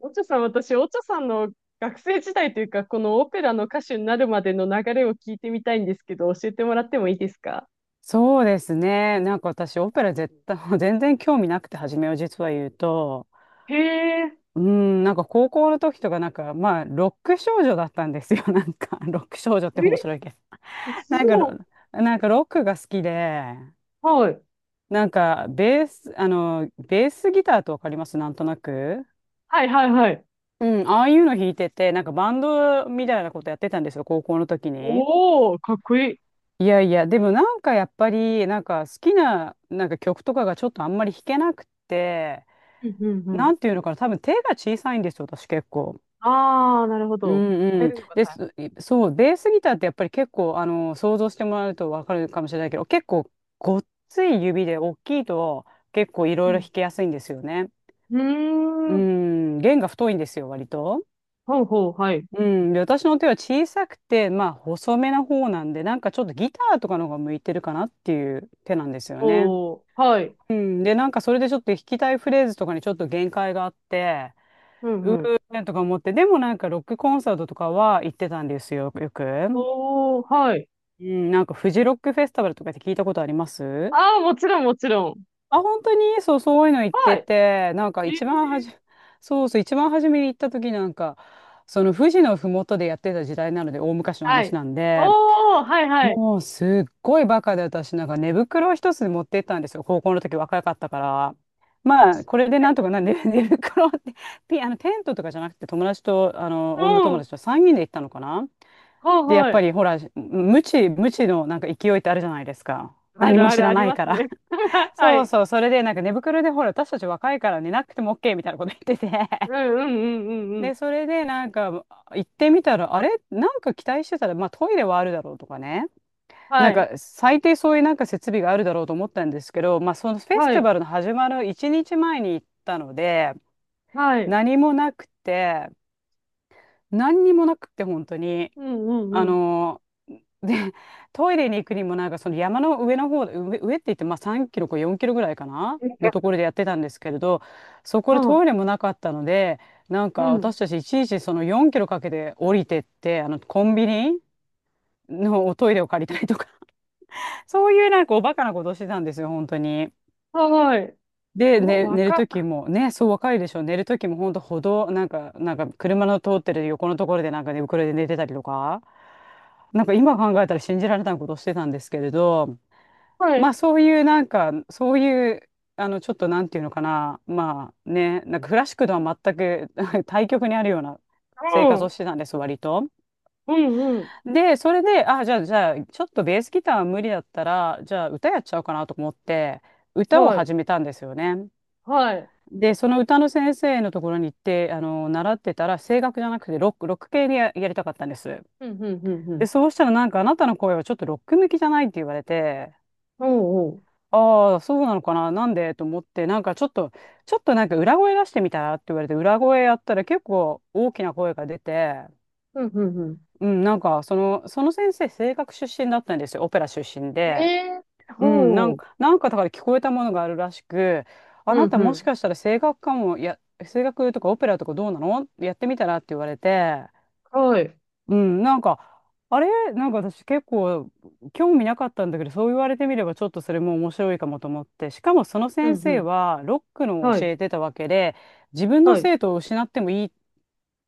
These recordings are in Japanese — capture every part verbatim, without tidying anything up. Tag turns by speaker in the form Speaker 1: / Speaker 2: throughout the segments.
Speaker 1: オチョさん、私、オチョさんの学生時代というか、このオペラの歌手になるまでの流れを聞いてみたいんですけど、教えてもらってもいいですか？
Speaker 2: そうですね。なんか私、オペラ絶対、全然興味なくて、初めう実は言うと、
Speaker 1: へえ。
Speaker 2: うん、なんか高校の時とか、なんか、まあ、ロック少女だったんですよ。なんか、ロック少女って面白いけど。
Speaker 1: え、そ
Speaker 2: なんかロ、
Speaker 1: う。
Speaker 2: なんかロックが好きで、
Speaker 1: はい。
Speaker 2: なんか、ベース、あの、ベースギターとわかりますなんとなく。
Speaker 1: はいはいはい。
Speaker 2: うん、ああいうの弾いてて、なんかバンドみたいなことやってたんですよ、高校の時に。
Speaker 1: おー、かっこいい。
Speaker 2: いやいや、でもなんかやっぱり、なんか好きな、なんか曲とかがちょっとあんまり弾けなくて、
Speaker 1: うんうんう
Speaker 2: な
Speaker 1: ん。
Speaker 2: んていうのかな、多分手が小さいんですよ、私結構。
Speaker 1: あー、なるほ
Speaker 2: う
Speaker 1: ど。
Speaker 2: ん
Speaker 1: 変
Speaker 2: う
Speaker 1: え
Speaker 2: ん。
Speaker 1: るのが
Speaker 2: で
Speaker 1: 大
Speaker 2: す、そう、ベースギターってやっぱり結構、あの、想像してもらうとわかるかもしれないけど、結構ごっつい指で大きいと結構いろいろ
Speaker 1: 変。
Speaker 2: 弾けやすいんですよね。
Speaker 1: う
Speaker 2: う
Speaker 1: ん。うーん。
Speaker 2: ん、弦が太いんですよ、割と。
Speaker 1: ほうほう、はい。
Speaker 2: うん、で、私の手は小さくて、まあ細めな方なんで、なんかちょっとギターとかの方が向いてるかなっていう手なんですよね。
Speaker 1: おー、はい。
Speaker 2: うん、で、なんかそれでちょっと弾きたいフレーズとかにちょっと限界があって、
Speaker 1: うんうん。
Speaker 2: えとか思って、でもなんかロックコンサートとかは行ってたんですよ、よく。
Speaker 1: おー、はい。
Speaker 2: うん、なんかフジロックフェスティバルとかって聞いたことあります？
Speaker 1: あー、もちろんもちろん。
Speaker 2: あ、本当にそう、そういうの行っ
Speaker 1: は
Speaker 2: て
Speaker 1: い。
Speaker 2: て、なんか
Speaker 1: え
Speaker 2: 一番は
Speaker 1: ー、
Speaker 2: じ、そうそう、一番初めに行った時なんか、その富士のふもとでやってた時代なので、大昔の
Speaker 1: は
Speaker 2: 話
Speaker 1: い。
Speaker 2: なんで、
Speaker 1: おー、はいはい。
Speaker 2: もうすっごいバカで私なんか寝袋を一つ持ってったんですよ、高校の時若かったから。まあこれでなん
Speaker 1: え、
Speaker 2: とかな寝、寝袋ってピあの、テントとかじゃなくて、友達と、あの、女
Speaker 1: う
Speaker 2: 友
Speaker 1: ん。
Speaker 2: 達とさんにんで行ったのかな。
Speaker 1: はい
Speaker 2: で、やっ
Speaker 1: は
Speaker 2: ぱ
Speaker 1: い。
Speaker 2: りほら、無知無知のなんか勢いってあるじゃないですか、
Speaker 1: あ
Speaker 2: 何
Speaker 1: る
Speaker 2: も
Speaker 1: あ
Speaker 2: 知
Speaker 1: るあ
Speaker 2: ら
Speaker 1: り
Speaker 2: ない
Speaker 1: ま
Speaker 2: か
Speaker 1: す
Speaker 2: ら。
Speaker 1: ね。は
Speaker 2: そう
Speaker 1: い。
Speaker 2: そう、それでなんか寝袋でほら、私たち若いから寝なくても OK みたいなこと言ってて、
Speaker 1: うんうんうんうんうん。
Speaker 2: で、それでなんか行ってみたら、あれ、なんか期待してたら、まあトイレはあるだろうとかね、
Speaker 1: は
Speaker 2: なん
Speaker 1: い。
Speaker 2: か最低そういうなんか設備があるだろうと思ったんですけど、まあ、そのフェス
Speaker 1: は
Speaker 2: ティ
Speaker 1: い。
Speaker 2: バルの始まるいちにちまえに行ったので、
Speaker 1: はい。
Speaker 2: 何もなくて、何にもなくて本当に、
Speaker 1: うんう
Speaker 2: あ
Speaker 1: んうん。
Speaker 2: のでトイレに行くにもなんかその山の上の方、上、上って言って、まあさんキロかよんキロぐらいかなのと
Speaker 1: う
Speaker 2: ころでやってたんですけれど、そこでト
Speaker 1: ん。
Speaker 2: イレもなかったので、なん
Speaker 1: う
Speaker 2: か
Speaker 1: ん。
Speaker 2: 私たちいちいちそのよんキロかけて降りてって、あのコンビニのおトイレを借りたりとか、そういうなんかおバカなことしてたんですよ、本当に。
Speaker 1: はい。
Speaker 2: で、
Speaker 1: ご、
Speaker 2: ね、
Speaker 1: わ
Speaker 2: 寝る
Speaker 1: か、
Speaker 2: ときも、ね、そう若いでしょ、寝るときも本当歩道、なんか、なんか車の通ってる横のところでなんか寝袋で寝てたりとか、なんか今考えたら信じられないことしてたんですけれど、
Speaker 1: は
Speaker 2: まあ
Speaker 1: い。
Speaker 2: そういうなんか、そういう、あの、ちょっとなんていうのかな、まあね、なんかクラシックとは全く 対極にあるような生
Speaker 1: う
Speaker 2: 活を
Speaker 1: ん。
Speaker 2: してたんです、割と。
Speaker 1: うんうん。
Speaker 2: で、それで、あ、じゃあ、じゃあ、ちょっとベースギターは無理だったら、じゃあ、歌やっちゃおうかなと思って、歌を
Speaker 1: はい。
Speaker 2: 始めたんですよね。
Speaker 1: はい。
Speaker 2: で、その歌の先生のところに行って、あの、習ってたら、声楽じゃなくて、ロック、ロック系でや、やりたかったんです。
Speaker 1: うんうんうんう
Speaker 2: で、
Speaker 1: ん。
Speaker 2: そうしたら、なんか、あなたの声はちょっとロック向きじゃないって言われて、
Speaker 1: おうおう。
Speaker 2: ああ、そうなのかな、なんでと思って、なんか、ちょっと、ちょっとなんか、裏声出してみたらって言われて、裏声やったら、結構大きな声が出て、
Speaker 1: うんうんう
Speaker 2: うん、なんか、その、その先生、声楽出身だったんですよ、オペラ出身
Speaker 1: ん。
Speaker 2: で。
Speaker 1: えー。
Speaker 2: うん、な
Speaker 1: ほ
Speaker 2: ん
Speaker 1: う。
Speaker 2: か、なんかだから聞こえたものがあるらしく、あ
Speaker 1: う
Speaker 2: な
Speaker 1: ん
Speaker 2: た
Speaker 1: う
Speaker 2: もし
Speaker 1: ん。
Speaker 2: かしたら声楽かも、や、声楽とかオペラとかどうなの、やってみたらって言われて、
Speaker 1: はい。
Speaker 2: うん、なんか、あれなんか私結構興味なかったんだけど、そう言われてみればちょっとそれも面白いかもと思って、しかもその
Speaker 1: うん
Speaker 2: 先
Speaker 1: う
Speaker 2: 生
Speaker 1: ん。
Speaker 2: はロックのを
Speaker 1: は
Speaker 2: 教
Speaker 1: い。
Speaker 2: えてたわけで、自分の
Speaker 1: はい。
Speaker 2: 生徒を失ってもいいっ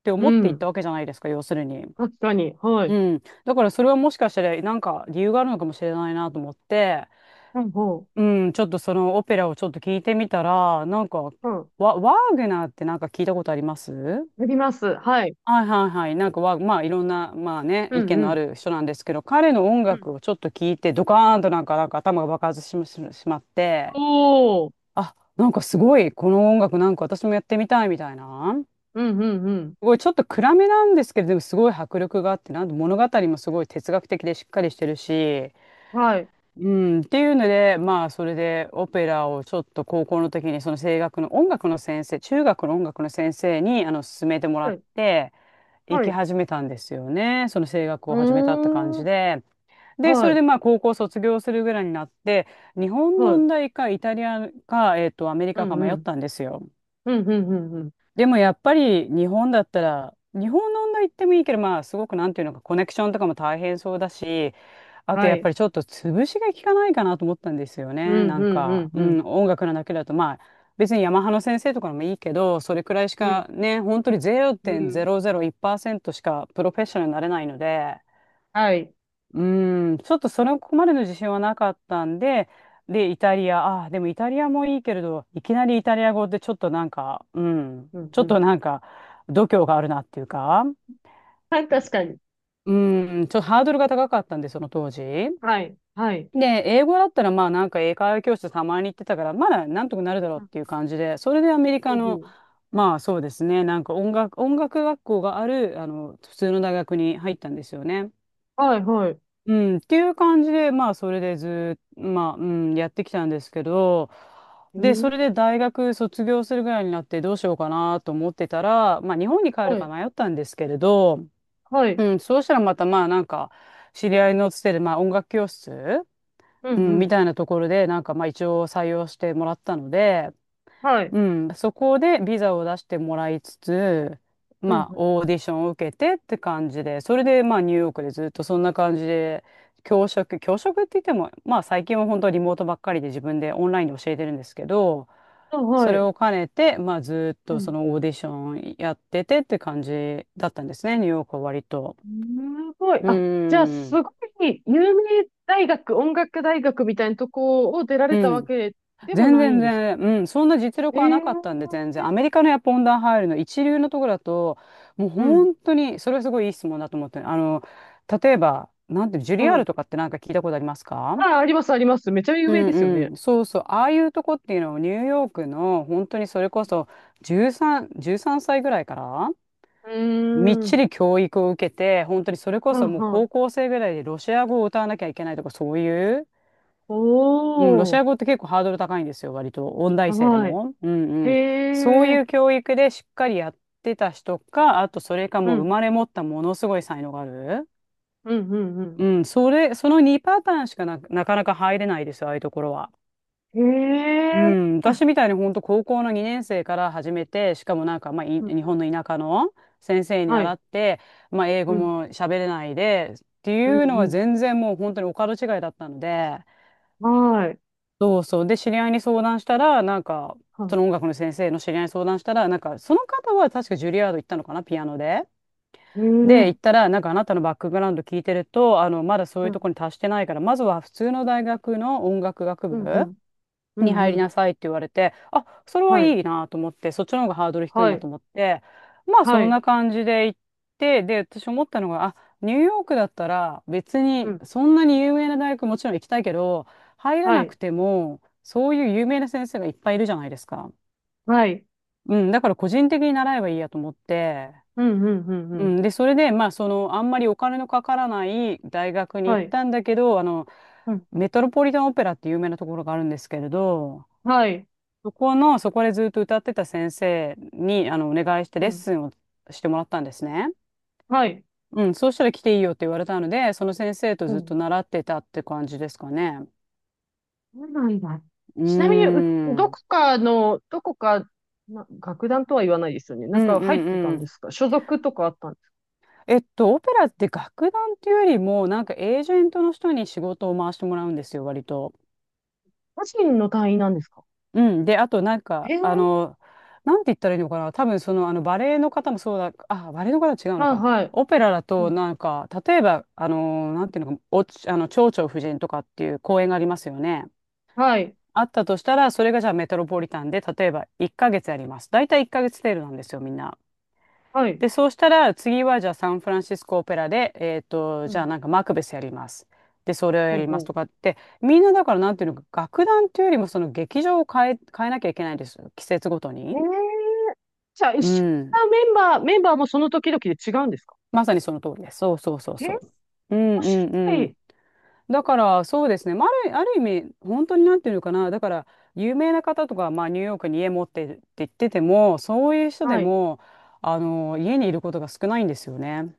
Speaker 2: て
Speaker 1: う
Speaker 2: 思っていった
Speaker 1: ん。
Speaker 2: わけじゃないですか、要するに。
Speaker 1: 確かに。はい。
Speaker 2: うん。だからそれはもしかしたらなんか理由があるのかもしれないなと思って、
Speaker 1: うん、ほ
Speaker 2: うん、ちょっとそのオペラをちょっと聞いてみたら、なんか、
Speaker 1: う。うん。
Speaker 2: ワ、ワーグナーってなんか聞いたことあります？
Speaker 1: やります。はい。
Speaker 2: はいはいはい。なんかワーまあいろんな、まあね、
Speaker 1: う
Speaker 2: 意
Speaker 1: ん
Speaker 2: 見
Speaker 1: う
Speaker 2: のあ
Speaker 1: ん。
Speaker 2: る人なんですけど、彼の音楽をちょっと聞いて、ドカーンとなんか、なんか頭が爆発しま、ししまって、
Speaker 1: おー。
Speaker 2: あ、なんかすごい、この音楽なんか私もやってみたいみたいな。
Speaker 1: うんうんうん。
Speaker 2: すごいちょっと暗めなんですけど、でもすごい迫力があって、なんで物語もすごい哲学的でしっかりしてるし、
Speaker 1: はい。
Speaker 2: うん、っていうので、まあ、それでオペラをちょっと高校の時に、その声楽の音楽の先生、中学の音楽の先生に、あの、勧めてもら
Speaker 1: は
Speaker 2: っ
Speaker 1: い。
Speaker 2: て、行
Speaker 1: はい。
Speaker 2: き
Speaker 1: う
Speaker 2: 始めたんですよね。その声楽を始めたって感
Speaker 1: ー
Speaker 2: じ
Speaker 1: ん。
Speaker 2: で。で、そ
Speaker 1: は
Speaker 2: れ
Speaker 1: い。
Speaker 2: でまあ、高校卒業するぐらいになって、日本の
Speaker 1: は
Speaker 2: 音
Speaker 1: い。
Speaker 2: 大か、イタリアか、えっと、アメリ
Speaker 1: う
Speaker 2: カか
Speaker 1: んう
Speaker 2: 迷っ
Speaker 1: ん。
Speaker 2: たんですよ。
Speaker 1: うんうんうんうん。
Speaker 2: でもやっぱり、日本だったら、日本の音大行ってもいいけど、まあ、すごく、なんていうのか、コネクションとかも大変そうだし、あと
Speaker 1: は
Speaker 2: やっぱ
Speaker 1: い。
Speaker 2: りちょっと潰しが効かないかなと思ったんですよ
Speaker 1: う
Speaker 2: ね。な
Speaker 1: んう
Speaker 2: ん
Speaker 1: んう
Speaker 2: か、
Speaker 1: ん
Speaker 2: う
Speaker 1: うん。
Speaker 2: ん、音楽のだけだと、まあ、別にヤマハの先生とかのもいいけど、それくらいし
Speaker 1: うん。
Speaker 2: かね、本当に
Speaker 1: うん。
Speaker 2: ゼロてんゼロゼロいちパーセントしかプロフェッショナルになれないので、
Speaker 1: はい。
Speaker 2: うん、ちょっとそれここまでの自信はなかったんで、で、イタリア、ああ、でもイタリアもいいけれど、いきなりイタリア語でちょっとなんか、うん、
Speaker 1: うん
Speaker 2: ちょ
Speaker 1: う
Speaker 2: っと
Speaker 1: ん。
Speaker 2: なんか、度胸があるなっていうか、
Speaker 1: はい、確かに。
Speaker 2: うん、ちょっとハードルが高かったんで、その当時。
Speaker 1: はい。はい。
Speaker 2: で、英語だったらまあなんか英会話教室たまに行ってたから、まだなんとかなるだろ
Speaker 1: う
Speaker 2: うっ
Speaker 1: ん、
Speaker 2: ていう感じで、それでアメリ
Speaker 1: ほ
Speaker 2: カ
Speaker 1: うほ
Speaker 2: の、
Speaker 1: う。
Speaker 2: まあそうですね、なんか音楽、音楽学校がある、あの、普通の大学に入ったんですよね。
Speaker 1: はい、はい。
Speaker 2: うん、っていう感じで、まあそれでずーっと、まあ、うん、やってきたんですけど、
Speaker 1: え
Speaker 2: で、そ
Speaker 1: ー、
Speaker 2: れで大学卒業するぐらいになってどうしようかなと思ってたら、まあ日本に帰る
Speaker 1: は
Speaker 2: か
Speaker 1: い。
Speaker 2: 迷ったんですけれど、
Speaker 1: はい。
Speaker 2: うん、そうしたらまたまあなんか、知り合いのつてで、まあ音楽教室
Speaker 1: う
Speaker 2: う
Speaker 1: んう
Speaker 2: ん、み
Speaker 1: ん。
Speaker 2: たいなところで、なんかまあ一応採用してもらったので、
Speaker 1: はい。
Speaker 2: うん、そこでビザを出してもらいつつ、
Speaker 1: うんう
Speaker 2: まあ
Speaker 1: ん。
Speaker 2: オーディションを受けてって感じで、それでまあニューヨークでずっとそんな感じで、教職、教職って言っても、まあ最近は本当リモートばっかりで自分でオンラインで教えてるんですけど、
Speaker 1: あ、
Speaker 2: そ
Speaker 1: は
Speaker 2: れ
Speaker 1: い。
Speaker 2: を兼ねて、まあずっ
Speaker 1: う
Speaker 2: とそ
Speaker 1: ん。
Speaker 2: のオーディションやっててって感じだったんですね、ニューヨークは割と。
Speaker 1: すごい。
Speaker 2: う
Speaker 1: あ、じゃあ、
Speaker 2: ん、
Speaker 1: すごい、有名大学、音楽大学みたいなとこを出ら
Speaker 2: う
Speaker 1: れたわ
Speaker 2: ん。
Speaker 1: けでも
Speaker 2: 全
Speaker 1: ない
Speaker 2: 然
Speaker 1: ん
Speaker 2: 全
Speaker 1: ですか？
Speaker 2: 然、うん、そんな実力は
Speaker 1: え
Speaker 2: なかったんで、
Speaker 1: え、
Speaker 2: 全然。アメリカのやっぱ温暖入るの一流のところだと、もう
Speaker 1: うん。
Speaker 2: 本当に、それはすごいいい質問だと思ってあの、例えば、なんていうの、ジュリアー
Speaker 1: は
Speaker 2: ル
Speaker 1: い。
Speaker 2: とかってなんか聞いたことありますか？
Speaker 1: あ、あります、あります。めちゃ有
Speaker 2: う
Speaker 1: 名ですよ
Speaker 2: ん
Speaker 1: ね。
Speaker 2: うん、そうそう、ああいうとこっていうのをニューヨークの本当にそれこそ13、13歳ぐらいから
Speaker 1: う
Speaker 2: みっ
Speaker 1: ー
Speaker 2: ち
Speaker 1: ん。
Speaker 2: り教育を受けて、本当にそれこ
Speaker 1: は
Speaker 2: そ
Speaker 1: ん
Speaker 2: もう
Speaker 1: は
Speaker 2: 高
Speaker 1: ん。
Speaker 2: 校生ぐらいでロシア語を歌わなきゃいけないとかそういううん、ロ
Speaker 1: お
Speaker 2: シ
Speaker 1: ー。
Speaker 2: ア語って結構ハードル高いんですよ、割と。音大生で
Speaker 1: はい。
Speaker 2: も。うん
Speaker 1: へ
Speaker 2: うん。そう
Speaker 1: え。
Speaker 2: いう教育でしっかりやってた人か、あとそれか
Speaker 1: う
Speaker 2: もう生
Speaker 1: ん。
Speaker 2: まれ持ったものすごい才能がある。
Speaker 1: うん、うん、
Speaker 2: うん、それ、そのにパターンしかな、なかなか入れないですよ、ああいうところは。
Speaker 1: うん。
Speaker 2: う
Speaker 1: へえ。
Speaker 2: ん、私みたいに本当高校のにねん生から始めて、しかもなんか、まあ、い
Speaker 1: うん、
Speaker 2: 日本の田舎の先生に
Speaker 1: は
Speaker 2: 習
Speaker 1: い。
Speaker 2: って、まあ、英
Speaker 1: う
Speaker 2: 語
Speaker 1: ん。
Speaker 2: も喋れないで、って
Speaker 1: う
Speaker 2: いうのは
Speaker 1: ん、
Speaker 2: 全然もう本当にお門違いだったので、
Speaker 1: うん。はい。
Speaker 2: そうそう。で、知り合いに相談したら、なんか、
Speaker 1: は
Speaker 2: そ
Speaker 1: い。
Speaker 2: の音楽の先生の知り合いに相談したら、なんか、その方は確かジュリアード行ったのかな、ピアノで。
Speaker 1: へ
Speaker 2: で、
Speaker 1: え。
Speaker 2: 行ったら、なんかあなたのバックグラウンド聞いてると、あの、まだそう
Speaker 1: う
Speaker 2: いう
Speaker 1: ん。
Speaker 2: とこに達してないから、まずは普通の大学の音楽学
Speaker 1: うん、う
Speaker 2: 部
Speaker 1: ん。う
Speaker 2: に
Speaker 1: ん、う
Speaker 2: 入り
Speaker 1: ん。
Speaker 2: なさいって言われて、あ、それは
Speaker 1: はい。
Speaker 2: いいなと思って、そっちの方がハードル低い
Speaker 1: は
Speaker 2: なと
Speaker 1: い。
Speaker 2: 思って、まあ
Speaker 1: は
Speaker 2: そん
Speaker 1: い。
Speaker 2: な感じで行って、で、私思ったのが、あ、ニューヨークだったら別
Speaker 1: う
Speaker 2: に
Speaker 1: ん。
Speaker 2: そんなに有名な大学もちろん行きたいけど、入ら
Speaker 1: は
Speaker 2: なく
Speaker 1: い。
Speaker 2: ても、そういう有名な先生がいっぱいいるじゃないですか。
Speaker 1: はい。
Speaker 2: うん、だから個人的に習えばいいやと思って、
Speaker 1: うん、うん、うん、う
Speaker 2: う
Speaker 1: ん。
Speaker 2: ん、で、それで、まあその、あんまりお金のかからない大学に
Speaker 1: は
Speaker 2: 行っ
Speaker 1: い。
Speaker 2: たんだけど、あの、
Speaker 1: うん。
Speaker 2: メトロポリタンオペラって有名なところがあるんですけれど、
Speaker 1: はい。
Speaker 2: そこの、そこでずっと歌ってた先生に、あの、お願いして
Speaker 1: う
Speaker 2: レッ
Speaker 1: ん。
Speaker 2: スンをしてもらったんですね。
Speaker 1: はい。
Speaker 2: うん、そうしたら来ていいよって言われたので、その先生と
Speaker 1: う
Speaker 2: ずっと
Speaker 1: ん。
Speaker 2: 習ってたって感じですかね。
Speaker 1: そうなんだ。
Speaker 2: うー
Speaker 1: ちなみに、う
Speaker 2: ん。う
Speaker 1: ど
Speaker 2: ん
Speaker 1: こかの、どこか、な、楽団とは言わないですよね。な
Speaker 2: う
Speaker 1: ん
Speaker 2: ん
Speaker 1: か入ってた
Speaker 2: う
Speaker 1: んで
Speaker 2: ん。
Speaker 1: すか？所属とかあったんですか？
Speaker 2: えっと、オペラって楽団っていうよりも、なんかエージェントの人に仕事を回してもらうんですよ、割と。
Speaker 1: 個人の単位なんですか？
Speaker 2: うん。で、あとなん
Speaker 1: え
Speaker 2: か、
Speaker 1: ー、
Speaker 2: あの、なんて言ったらいいのかな。多分その、あの、バレエの方もそうだ、あ、バレエの方は違うの
Speaker 1: はい
Speaker 2: か。
Speaker 1: はい。
Speaker 2: オペラだ
Speaker 1: う
Speaker 2: と、
Speaker 1: ん、
Speaker 2: なんか、例えば、あの、なんていうのか、お、あの、蝶々夫人とかっていう公演がありますよね。
Speaker 1: はい、
Speaker 2: あったとしたら、それがじゃあメトロポリタンで、例えばいっかげつやります。大体いっかげつ程度なんですよ、みんな。
Speaker 1: はい。
Speaker 2: で、そうしたら、次はじゃあサンフランシスコオペラで、えっと、
Speaker 1: う
Speaker 2: じゃあ
Speaker 1: ん、
Speaker 2: なんかマクベスやります。で、それをや
Speaker 1: ほう
Speaker 2: ります
Speaker 1: ほ
Speaker 2: とかって、みんなだからなんていうのか、楽団っていうよりもその劇場を変え、変えなきゃいけないんですよ。季節ごと
Speaker 1: う。え
Speaker 2: に。
Speaker 1: ー、じゃあ一
Speaker 2: う
Speaker 1: 緒
Speaker 2: ん。
Speaker 1: なメンバー、メンバー、もその時々で違うんですか？
Speaker 2: まさにその通りです。そうそうそう
Speaker 1: えー、面
Speaker 2: そう。うんうん
Speaker 1: 白
Speaker 2: うん。
Speaker 1: い。
Speaker 2: だからそうですね、まあ、ある、ある意味本当になんていうのかなだから有名な方とか、まあ、ニューヨークに家持ってるって言っててもそういう人で
Speaker 1: はい。
Speaker 2: もあの家にいることが少ないんですよね。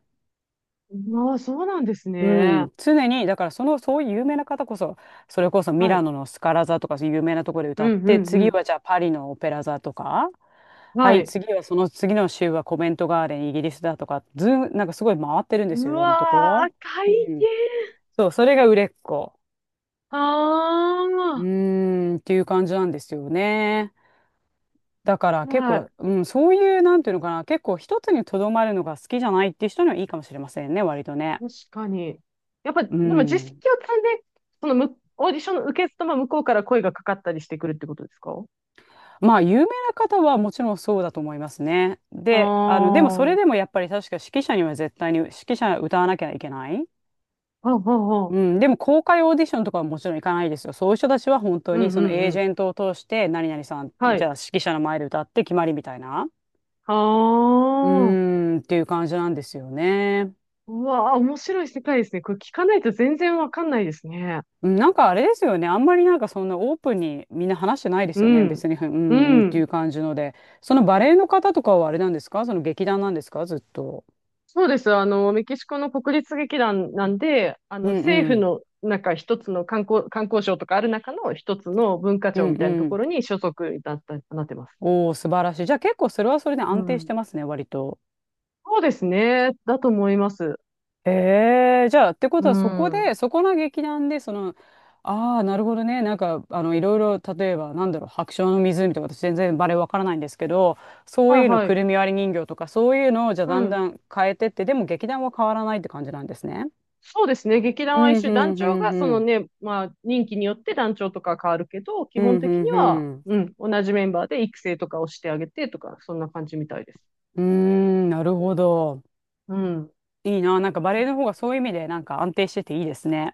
Speaker 1: まあ、そうなんです
Speaker 2: う
Speaker 1: ね。
Speaker 2: ん、常にだからそのそういう有名な方こそそれこそミ
Speaker 1: は
Speaker 2: ラ
Speaker 1: い。
Speaker 2: ノのスカラ座とかそういう有名なところで
Speaker 1: う
Speaker 2: 歌っ
Speaker 1: ん、う
Speaker 2: て
Speaker 1: ん、う
Speaker 2: 次
Speaker 1: ん。
Speaker 2: はじゃあパリのオペラ座とかは
Speaker 1: は
Speaker 2: い
Speaker 1: い。
Speaker 2: 次はその次の週はコメントガーデンイギリスだとかずんなんかすごい回ってるんです
Speaker 1: う
Speaker 2: よいろんなと
Speaker 1: わ
Speaker 2: こ。
Speaker 1: ー、大
Speaker 2: うん、
Speaker 1: 変。
Speaker 2: そうそれが売れっ子。
Speaker 1: あ
Speaker 2: う
Speaker 1: あ。
Speaker 2: ーんっていう感じなんですよね。だから
Speaker 1: は
Speaker 2: 結
Speaker 1: い、
Speaker 2: 構、うん、そういうなんていうのかな結構一つにとどまるのが好きじゃないっていう人にはいいかもしれませんね割とね。
Speaker 1: 確かに。やっぱ、で
Speaker 2: う
Speaker 1: も実績
Speaker 2: ん
Speaker 1: を積んで、そのむ、オーディションの受け付けも向こうから声がかかったりしてくるってことですか？
Speaker 2: まあ、有名な方はもちろんそうだと思いますね。
Speaker 1: あ
Speaker 2: で、あの、でもそ
Speaker 1: あ、は
Speaker 2: れでもやっぱり確か指揮者には絶対に指揮者歌わなきゃいけない。
Speaker 1: あ、はあ、
Speaker 2: うん、でも公開オーディションとかはもちろん行かないですよ。そういう人たちは本当
Speaker 1: うん
Speaker 2: に
Speaker 1: う
Speaker 2: その
Speaker 1: んう
Speaker 2: エージ
Speaker 1: ん。
Speaker 2: ェントを通して何々さんって、
Speaker 1: は
Speaker 2: じゃあ
Speaker 1: い。
Speaker 2: 指揮者の前で歌って決まりみたいな。
Speaker 1: あ
Speaker 2: う
Speaker 1: あ、
Speaker 2: ーん、っていう感じなんですよね。
Speaker 1: うわあ、面白い世界ですね。これ聞かないと全然わかんないですね。
Speaker 2: うんなんかあれですよね。あんまりなんかそんなオープンにみんな話してないで
Speaker 1: う
Speaker 2: すよね。
Speaker 1: ん。
Speaker 2: 別に、うんう
Speaker 1: う
Speaker 2: んってい
Speaker 1: ん。
Speaker 2: う感じので。そのバレエの方とかはあれなんですかその劇団なんですかずっと。
Speaker 1: そうです。あの、メキシコの国立劇団なんで、あ
Speaker 2: う
Speaker 1: の、
Speaker 2: ん
Speaker 1: 政
Speaker 2: う
Speaker 1: 府
Speaker 2: ん
Speaker 1: の、なんか一つの観光、観光省とかある中の一つの文化
Speaker 2: う
Speaker 1: 庁
Speaker 2: ん
Speaker 1: みた
Speaker 2: う
Speaker 1: いなとこ
Speaker 2: ん。
Speaker 1: ろに所属になった、なってます。
Speaker 2: おお、素晴らしい。じゃあ結構それはそれで
Speaker 1: う
Speaker 2: 安定し
Speaker 1: ん。
Speaker 2: てますね、割と。
Speaker 1: そうですね。だと思います。
Speaker 2: ええ、じゃあってこ
Speaker 1: う
Speaker 2: とはそこ
Speaker 1: ん。
Speaker 2: で、そこの劇団で、その、ああ、なるほどね。なんか、あの、いろいろ、例えば、なんだろう、白鳥の湖とか、私全然バレエわからないんですけど、そう
Speaker 1: はい
Speaker 2: いうの、
Speaker 1: は
Speaker 2: く
Speaker 1: い。
Speaker 2: るみ割り人形とか、そういうのを、じゃあ
Speaker 1: う
Speaker 2: だんだ
Speaker 1: ん。
Speaker 2: ん変えてって、でも劇団は変わらないって感じなんですね。
Speaker 1: そうですね。劇団
Speaker 2: う
Speaker 1: は一
Speaker 2: ん、う
Speaker 1: 緒。団
Speaker 2: ん、う
Speaker 1: 長
Speaker 2: ん、
Speaker 1: が、そ
Speaker 2: う
Speaker 1: の
Speaker 2: ん。
Speaker 1: ね、まあ、任期によって団長とか変わるけど、基
Speaker 2: うん、
Speaker 1: 本
Speaker 2: う
Speaker 1: 的
Speaker 2: ん、
Speaker 1: に
Speaker 2: う
Speaker 1: は、
Speaker 2: ん。
Speaker 1: うん、同じメンバーで育成とかをしてあげてとか、そんな感じみたいです。
Speaker 2: うーん、なるほど。
Speaker 1: うん。
Speaker 2: いいな。なんかバレエの方がそういう意味で、なんか安定してていいですね。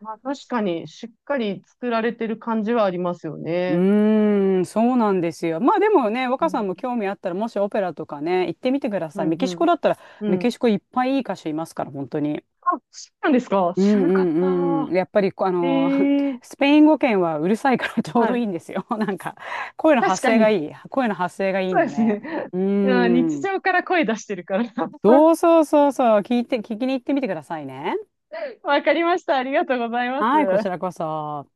Speaker 1: まあ、確かに、しっかり作られてる感じはありますよ
Speaker 2: う
Speaker 1: ね。
Speaker 2: ーん、そうなんですよ。まあでもね、
Speaker 1: う
Speaker 2: 若さん
Speaker 1: ん、
Speaker 2: も興味あったら、もしオペラとかね、行ってみてくだ
Speaker 1: う
Speaker 2: さい。
Speaker 1: ん、
Speaker 2: メキ
Speaker 1: う
Speaker 2: シコ
Speaker 1: ん。
Speaker 2: だったら、
Speaker 1: う
Speaker 2: メキ
Speaker 1: ん。
Speaker 2: シコいっぱいいい歌手いますから、本当に。
Speaker 1: あ、そうなんですか？
Speaker 2: うん
Speaker 1: 知らなかっ
Speaker 2: うんう
Speaker 1: た。
Speaker 2: ん。やっぱりこう、あ
Speaker 1: え
Speaker 2: の、
Speaker 1: え、
Speaker 2: スペイン語圏はうるさいから ちょう
Speaker 1: は
Speaker 2: どい
Speaker 1: い。
Speaker 2: いんですよ。なんか、声の
Speaker 1: 確
Speaker 2: 発
Speaker 1: か
Speaker 2: 声が
Speaker 1: に。
Speaker 2: いい。声の発声がいいん
Speaker 1: そうで
Speaker 2: だ
Speaker 1: す
Speaker 2: ね。
Speaker 1: ね。
Speaker 2: うー
Speaker 1: うん、日
Speaker 2: ん。
Speaker 1: 常から声出してるから。
Speaker 2: そうそうそうそう。聞いて、聞きに行ってみてくださいね。
Speaker 1: わかりました。ありがとうございま
Speaker 2: は
Speaker 1: す。
Speaker 2: い、こちらこそ。